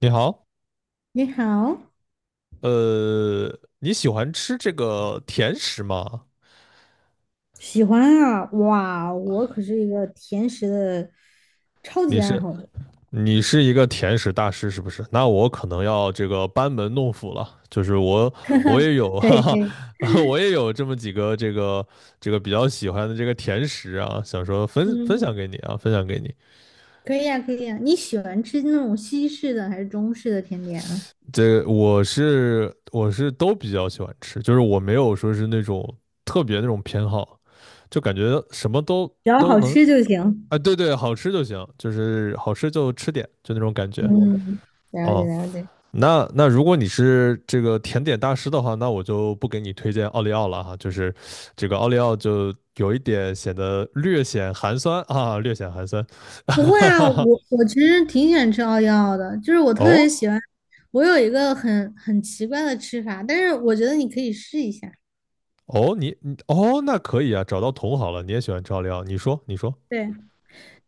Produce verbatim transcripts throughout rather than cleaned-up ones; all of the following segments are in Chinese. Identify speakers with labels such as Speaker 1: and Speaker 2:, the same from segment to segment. Speaker 1: 你好，
Speaker 2: 你好，
Speaker 1: 呃，你喜欢吃这个甜食吗？
Speaker 2: 喜欢啊！哇，我可是一个甜食的超
Speaker 1: 你
Speaker 2: 级爱
Speaker 1: 是
Speaker 2: 好者。
Speaker 1: 你是一个甜食大师是不是？那我可能要这个班门弄斧了，就是我我也有
Speaker 2: 可
Speaker 1: 哈
Speaker 2: 以可以
Speaker 1: 哈，我也有这么几个这个这个比较喜欢的这个甜食啊，想说 分分享
Speaker 2: 嗯，
Speaker 1: 给你啊，分享给你。
Speaker 2: 可以呀、可以呀、你喜欢吃那种西式的还是中式的甜点啊？
Speaker 1: 这我是我是都比较喜欢吃，就是我没有说是那种特别那种偏好，就感觉什么都
Speaker 2: 只要
Speaker 1: 都
Speaker 2: 好
Speaker 1: 能
Speaker 2: 吃就行。
Speaker 1: 啊，对对，好吃就行，就是好吃就吃点，就那种感觉。
Speaker 2: 嗯，了解
Speaker 1: 哦，
Speaker 2: 了解。
Speaker 1: 那那如果你是这个甜点大师的话，那我就不给你推荐奥利奥了哈，就是这个奥利奥就有一点显得略显寒酸啊，略显寒酸。
Speaker 2: 不会
Speaker 1: 哈
Speaker 2: 啊，
Speaker 1: 哈，
Speaker 2: 我我其实挺喜欢吃奥利奥的，就是我特别
Speaker 1: 哦
Speaker 2: 喜欢。我有一个很很奇怪的吃法，但是我觉得你可以试一下。
Speaker 1: 哦，你你哦，那可以啊，找到同好了，你也喜欢吃奥利奥，你说你说，
Speaker 2: 对，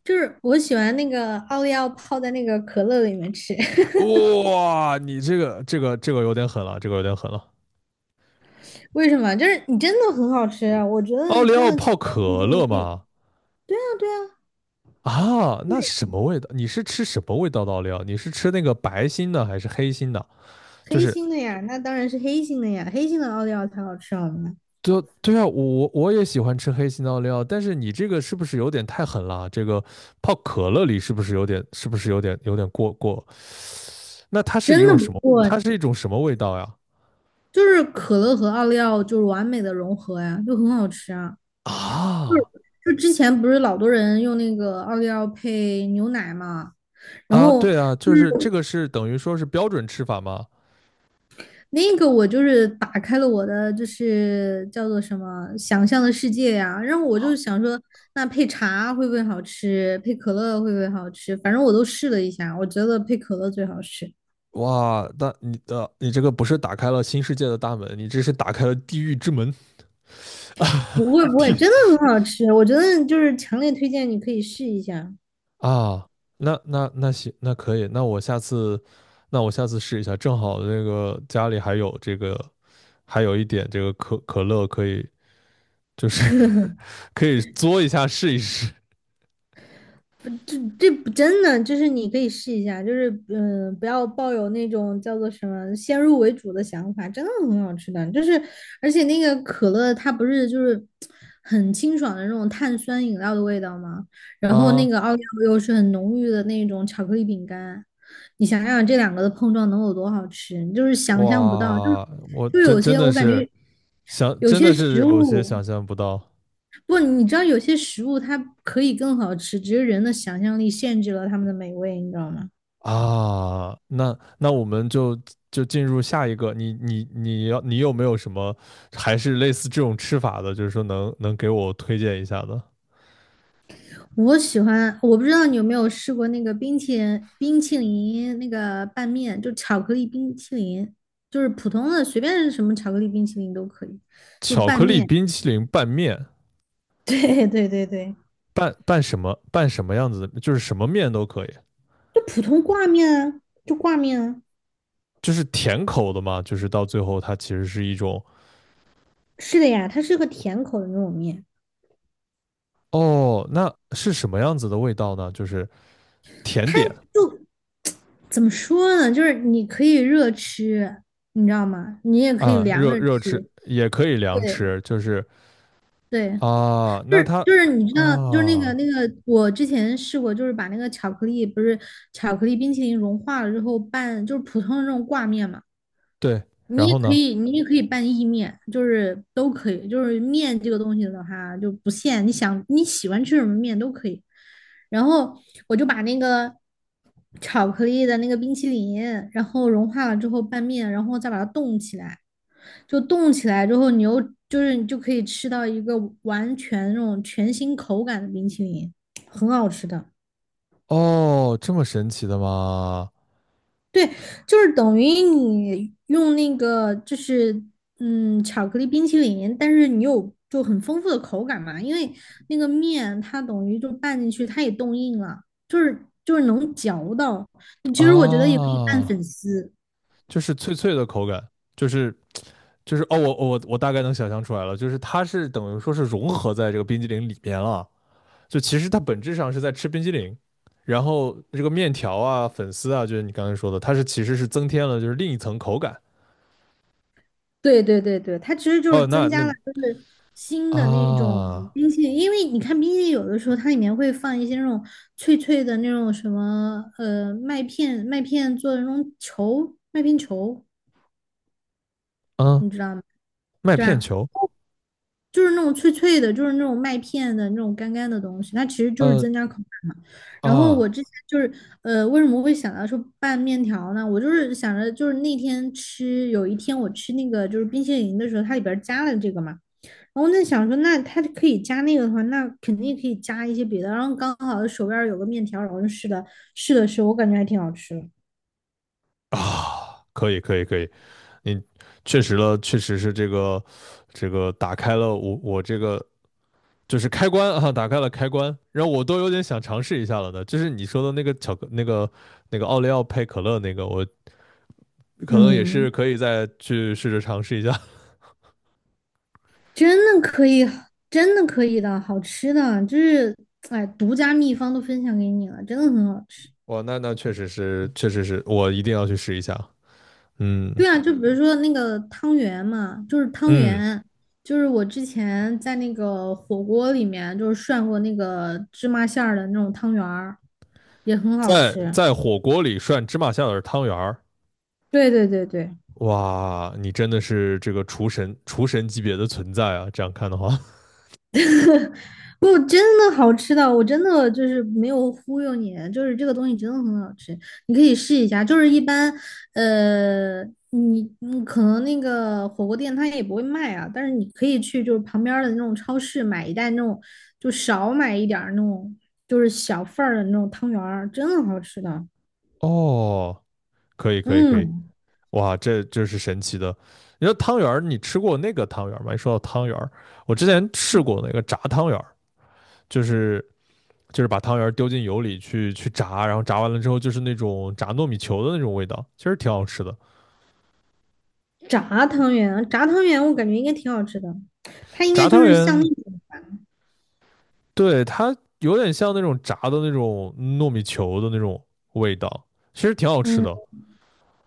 Speaker 2: 就是我喜欢那个奥利奥泡在那个可乐里面吃。
Speaker 1: 哇，你这个这个这个有点狠了，这个有点狠了。
Speaker 2: 为什么？就是你真的很好吃啊，我觉得
Speaker 1: 奥利
Speaker 2: 真
Speaker 1: 奥
Speaker 2: 的强
Speaker 1: 泡
Speaker 2: 烈推
Speaker 1: 可
Speaker 2: 荐你
Speaker 1: 乐
Speaker 2: 可以。
Speaker 1: 吗？
Speaker 2: 对啊，对啊，
Speaker 1: 啊，
Speaker 2: 对
Speaker 1: 那什
Speaker 2: 呀，
Speaker 1: 么味道？你是吃什么味道的奥？你是吃那个白心的还是黑心的？就
Speaker 2: 黑
Speaker 1: 是，
Speaker 2: 心的呀，那当然是黑心的呀，黑心的奥利奥才好吃好吗？
Speaker 1: 对对啊，我我也喜欢吃黑心的奥，但是你这个是不是有点太狠了啊？这个泡可乐里是不是有点，是不是有点有点过过？那它是一
Speaker 2: 真的
Speaker 1: 种
Speaker 2: 不
Speaker 1: 什么？
Speaker 2: 错，
Speaker 1: 它是一种什么味道呀？
Speaker 2: 就是可乐和奥利奥就是完美的融合呀，就很好吃啊。
Speaker 1: 啊
Speaker 2: 就之前不是老多人用那个奥利奥配牛奶嘛，然
Speaker 1: 啊，
Speaker 2: 后
Speaker 1: 对啊，就是这个是等于说是标准吃法吗？
Speaker 2: 那个我就是打开了我的就是叫做什么想象的世界呀、然后我就想说，那配茶会不会好吃？配可乐会不会好吃？反正我都试了一下，我觉得配可乐最好吃。
Speaker 1: 哇，那你的、呃你这个不是打开了新世界的大门，你这是打开了地狱之门啊！
Speaker 2: 不会 不会，
Speaker 1: 地
Speaker 2: 真的很好吃，我觉得就是强烈推荐你可以试一下。
Speaker 1: 啊，那那那行，那可以，那我下次，那我下次试一下，正好这个家里还有这个，还有一点这个可可乐，可以就是 可以嘬一下试一试
Speaker 2: 这这不真的，就是你可以试一下，就是嗯、呃不要抱有那种叫做什么先入为主的想法，真的很好吃的。就是而且那个可乐它不是就是很清爽的那种碳酸饮料的味道吗？然后那
Speaker 1: 啊！
Speaker 2: 个奥利奥又是很浓郁的那种巧克力饼干，你想想这两个的碰撞能有多好吃，你就是想象不到。就是
Speaker 1: 哇，我
Speaker 2: 就
Speaker 1: 真
Speaker 2: 有
Speaker 1: 真
Speaker 2: 些
Speaker 1: 的
Speaker 2: 我感
Speaker 1: 是
Speaker 2: 觉
Speaker 1: 想，
Speaker 2: 有
Speaker 1: 真
Speaker 2: 些
Speaker 1: 的是
Speaker 2: 食
Speaker 1: 有些
Speaker 2: 物。
Speaker 1: 想象不到
Speaker 2: 不，你知道有些食物它可以更好吃，只是人的想象力限制了它们的美味，你知道吗？
Speaker 1: 啊！那那我们就就进入下一个，你你你要你有没有什么还是类似这种吃法的，就是说能能给我推荐一下的？
Speaker 2: 我喜欢，我不知道你有没有试过那个冰淇淋冰淇淋那个拌面，就巧克力冰淇淋，就是普通的随便什么巧克力冰淇淋都可以，就
Speaker 1: 巧
Speaker 2: 拌
Speaker 1: 克力
Speaker 2: 面。
Speaker 1: 冰淇淋拌面。
Speaker 2: 对对对对，
Speaker 1: 拌拌什么拌什么样子的，就是什么面都可以，
Speaker 2: 就普通挂面啊，就挂面啊。
Speaker 1: 就是甜口的嘛，就是到最后它其实是一种。
Speaker 2: 是的呀，它是个甜口的那种面，
Speaker 1: 哦，那是什么样子的味道呢？就是甜
Speaker 2: 它
Speaker 1: 点
Speaker 2: 就怎么说呢？就是你可以热吃，你知道吗？你也可以
Speaker 1: 啊，
Speaker 2: 凉
Speaker 1: 热
Speaker 2: 着
Speaker 1: 热吃
Speaker 2: 吃。
Speaker 1: 也可以凉
Speaker 2: 对
Speaker 1: 吃，就是
Speaker 2: 对，
Speaker 1: 啊，
Speaker 2: 就
Speaker 1: 那
Speaker 2: 是
Speaker 1: 它
Speaker 2: 就是你知道，就是那个
Speaker 1: 啊，
Speaker 2: 那个，我之前试过，就是把那个巧克力，不是巧克力冰淇淋融化了之后拌，就是普通的那种挂面嘛。
Speaker 1: 对，
Speaker 2: 你
Speaker 1: 然
Speaker 2: 也
Speaker 1: 后
Speaker 2: 可
Speaker 1: 呢？
Speaker 2: 以，你也可以拌意面，就是都可以。就是面这个东西的话，就不限，你想你喜欢吃什么面都可以。然后我就把那个巧克力的那个冰淇淋，然后融化了之后拌面，然后再把它冻起来。就冻起来之后，你又就是你就可以吃到一个完全那种全新口感的冰淇淋，很好吃的。
Speaker 1: 哦，这么神奇的吗？
Speaker 2: 对，就是等于你用那个就是嗯巧克力冰淇淋，但是你有就很丰富的口感嘛，因为那个面它等于就拌进去，它也冻硬了，就是就是能嚼到。其实我觉得也可以拌粉
Speaker 1: 啊，
Speaker 2: 丝。
Speaker 1: 就是脆脆的口感，就是就是哦，我我我大概能想象出来了，就是它是等于说是融合在这个冰激凌里面了。就其实它本质上是在吃冰激凌，然后这个面条啊、粉丝啊，就是你刚才说的，它是其实是增添了就是另一层口感。
Speaker 2: 对对对对，它其实就是
Speaker 1: 哦，那
Speaker 2: 增加
Speaker 1: 那
Speaker 2: 了就是新的那种
Speaker 1: 啊
Speaker 2: 冰淇淋，因为你看冰淇淋有的时候它里面会放一些那种脆脆的那种什么呃麦片麦片做的那种球麦片球，
Speaker 1: 啊，
Speaker 2: 你知道吗？
Speaker 1: 麦
Speaker 2: 对
Speaker 1: 片
Speaker 2: 啊，
Speaker 1: 球，
Speaker 2: 就是那种脆脆的，就是那种麦片的那种干干的东西，它其实就是
Speaker 1: 呃
Speaker 2: 增加口感嘛。然后
Speaker 1: 啊，
Speaker 2: 我之前就是呃为什么会想到说拌面条呢？我就是想着就是那天吃有一天我吃那个就是冰淇淋的时候，它里边儿加了这个嘛。然后在想说，那它可以加那个的话，那肯定可以加一些别的。然后刚好手边有个面条，然后就试了试了试，我感觉还挺好吃的。
Speaker 1: 可以可以可以，你确实了，确实是这个这个打开了我我这个就是开关啊，打开了开关，让我都有点想尝试一下了的。就是你说的那个巧克那个那个奥利奥配可乐那个，我可能也是
Speaker 2: 嗯，
Speaker 1: 可以再去试着尝试一下。
Speaker 2: 真的可以，真的可以的，好吃的，就是哎，独家秘方都分享给你了，真的很好吃。
Speaker 1: 哇，那那确实是，确实是我一定要去试一下。嗯
Speaker 2: 对啊，就比如说那个汤圆嘛，就是汤
Speaker 1: 嗯，
Speaker 2: 圆，就是我之前在那个火锅里面就是涮过那个芝麻馅儿的那种汤圆儿，也很好
Speaker 1: 在
Speaker 2: 吃。
Speaker 1: 在火锅里涮芝麻馅的汤圆儿，
Speaker 2: 对对对对。
Speaker 1: 哇，你真的是这个厨神厨神级别的存在啊！这样看的话，
Speaker 2: 不，真的好吃的，我真的就是没有忽悠你，就是这个东西真的很好吃，你可以试一下。就是一般，呃，你嗯可能那个火锅店它也不会卖啊，但是你可以去就是旁边儿的那种超市买一袋那种，就少买一点儿那种，就是小份儿的那种汤圆儿，真的好吃的。
Speaker 1: 哦，可以可以可以，
Speaker 2: 嗯，
Speaker 1: 哇，这这是神奇的。你说汤圆儿，你吃过那个汤圆儿吗？一说到汤圆儿，我之前试过那个炸汤圆儿，就是就是把汤圆儿丢进油里去去炸，然后炸完了之后就是那种炸糯米球的那种味道，其实挺好吃的。
Speaker 2: 炸汤圆，炸汤圆我感觉应该挺好吃的，它应该
Speaker 1: 炸
Speaker 2: 就
Speaker 1: 汤
Speaker 2: 是像那
Speaker 1: 圆。
Speaker 2: 种，
Speaker 1: 对，它有点像那种炸的那种糯米球的那种味道，其实挺好吃的。
Speaker 2: 嗯。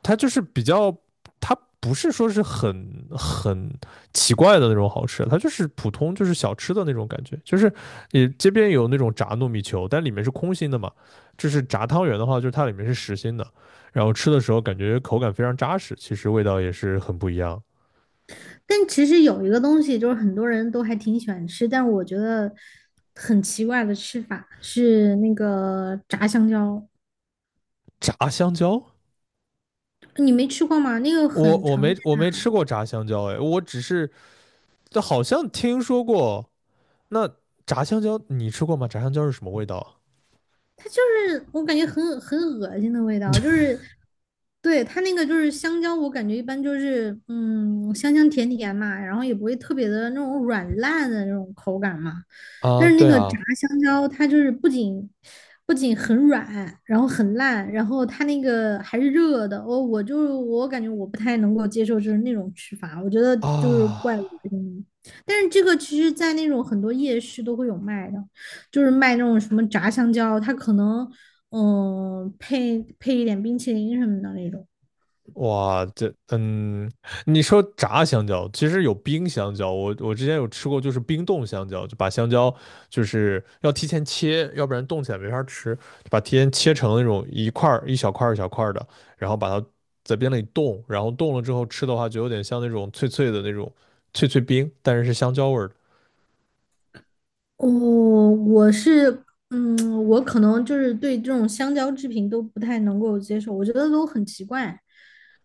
Speaker 1: 它就是比较，它不是说是很很奇怪的那种好吃，它就是普通就是小吃的那种感觉。就是你街边有那种炸糯米球，但里面是空心的嘛。就是炸汤圆的话，就是它里面是实心的，然后吃的时候感觉口感非常扎实，其实味道也是很不一样。
Speaker 2: 但其实有一个东西，就是很多人都还挺喜欢吃，但是我觉得很奇怪的吃法是那个炸香蕉，
Speaker 1: 炸香蕉，
Speaker 2: 你没吃过吗？那个
Speaker 1: 我
Speaker 2: 很
Speaker 1: 我没
Speaker 2: 常
Speaker 1: 我没吃过炸香蕉，哎，我只是好像听说过。那炸香蕉你吃过吗？炸香蕉是什么味道
Speaker 2: 它就是我感觉很恶很恶心的味道，就是对它那个就是香蕉，我感觉一般就是嗯香香甜甜嘛，然后也不会特别的那种软烂的那种口感嘛。
Speaker 1: 啊？啊
Speaker 2: 但是那
Speaker 1: 对
Speaker 2: 个炸
Speaker 1: 啊，
Speaker 2: 香蕉，它就是不仅不仅很软，然后很烂，然后它那个还是热的。我我就我感觉我不太能够接受就是那种吃法，我觉得就是怪恶
Speaker 1: 啊，
Speaker 2: 心。但是这个其实在那种很多夜市都会有卖的。就是卖那种什么炸香蕉，它可能嗯、呃配配一点冰淇淋什么的那种。
Speaker 1: 哇，这，嗯，你说炸香蕉，其实有冰香蕉，我我之前有吃过，就是冰冻香蕉，就把香蕉就是要提前切，要不然冻起来没法吃，就把提前切成那种一块儿一小块儿一小块儿的，然后把它在冰箱里冻，然后冻了之后吃的话，就有点像那种脆脆的那种脆脆冰，但是是香蕉味儿的。
Speaker 2: 哦，我是，嗯，我可能就是对这种香蕉制品都不太能够接受，我觉得都很奇怪。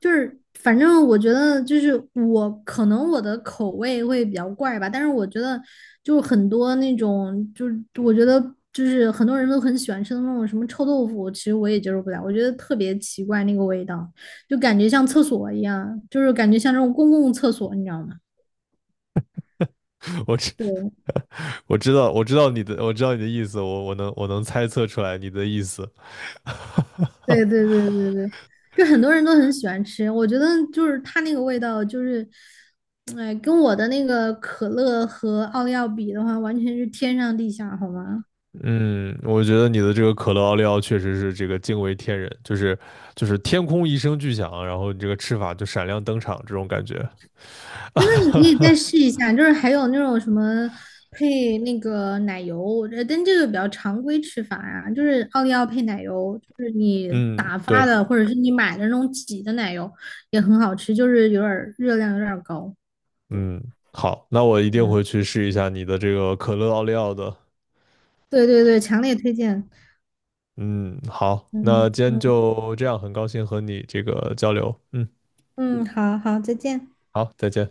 Speaker 2: 就是反正我觉得就是我可能我的口味会比较怪吧，但是我觉得就很多那种就是我觉得就是很多人都很喜欢吃的那种什么臭豆腐，其实我也接受不了，我觉得特别奇怪那个味道，就感觉像厕所一样，就是感觉像这种公共厕所，你知道吗？
Speaker 1: 我知
Speaker 2: 对
Speaker 1: 我知道我知道你的我知道你的意思，我我能我能猜测出来你的意思。
Speaker 2: 对对对对对，就很多人都很喜欢吃，我觉得就是它那个味道，就是，哎，跟我的那个可乐和奥利奥比的话，完全是天上地下，好吗？
Speaker 1: 嗯，我觉得你的这个可乐奥利奥确实是这个惊为天人，就是就是天空一声巨响，然后你这个吃法就闪亮登场这种感觉。
Speaker 2: 你可以再试一下，就是还有那种什么配那个奶油，我觉得但这个比较常规吃法呀，就是奥利奥配奶油，就是你
Speaker 1: 嗯，
Speaker 2: 打发
Speaker 1: 对，
Speaker 2: 的或者是你买的那种挤的奶油也很好吃，就是有点儿热量有点儿高，
Speaker 1: 嗯，好，那我一定
Speaker 2: 嗯，
Speaker 1: 会去试一下你的这个可乐奥利奥的。
Speaker 2: 对对对，强烈推荐，
Speaker 1: 嗯，好，
Speaker 2: 嗯
Speaker 1: 那今天
Speaker 2: 嗯。
Speaker 1: 就这样，很高兴和你这个交流。嗯，
Speaker 2: 嗯，好好，再见。
Speaker 1: 好，再见。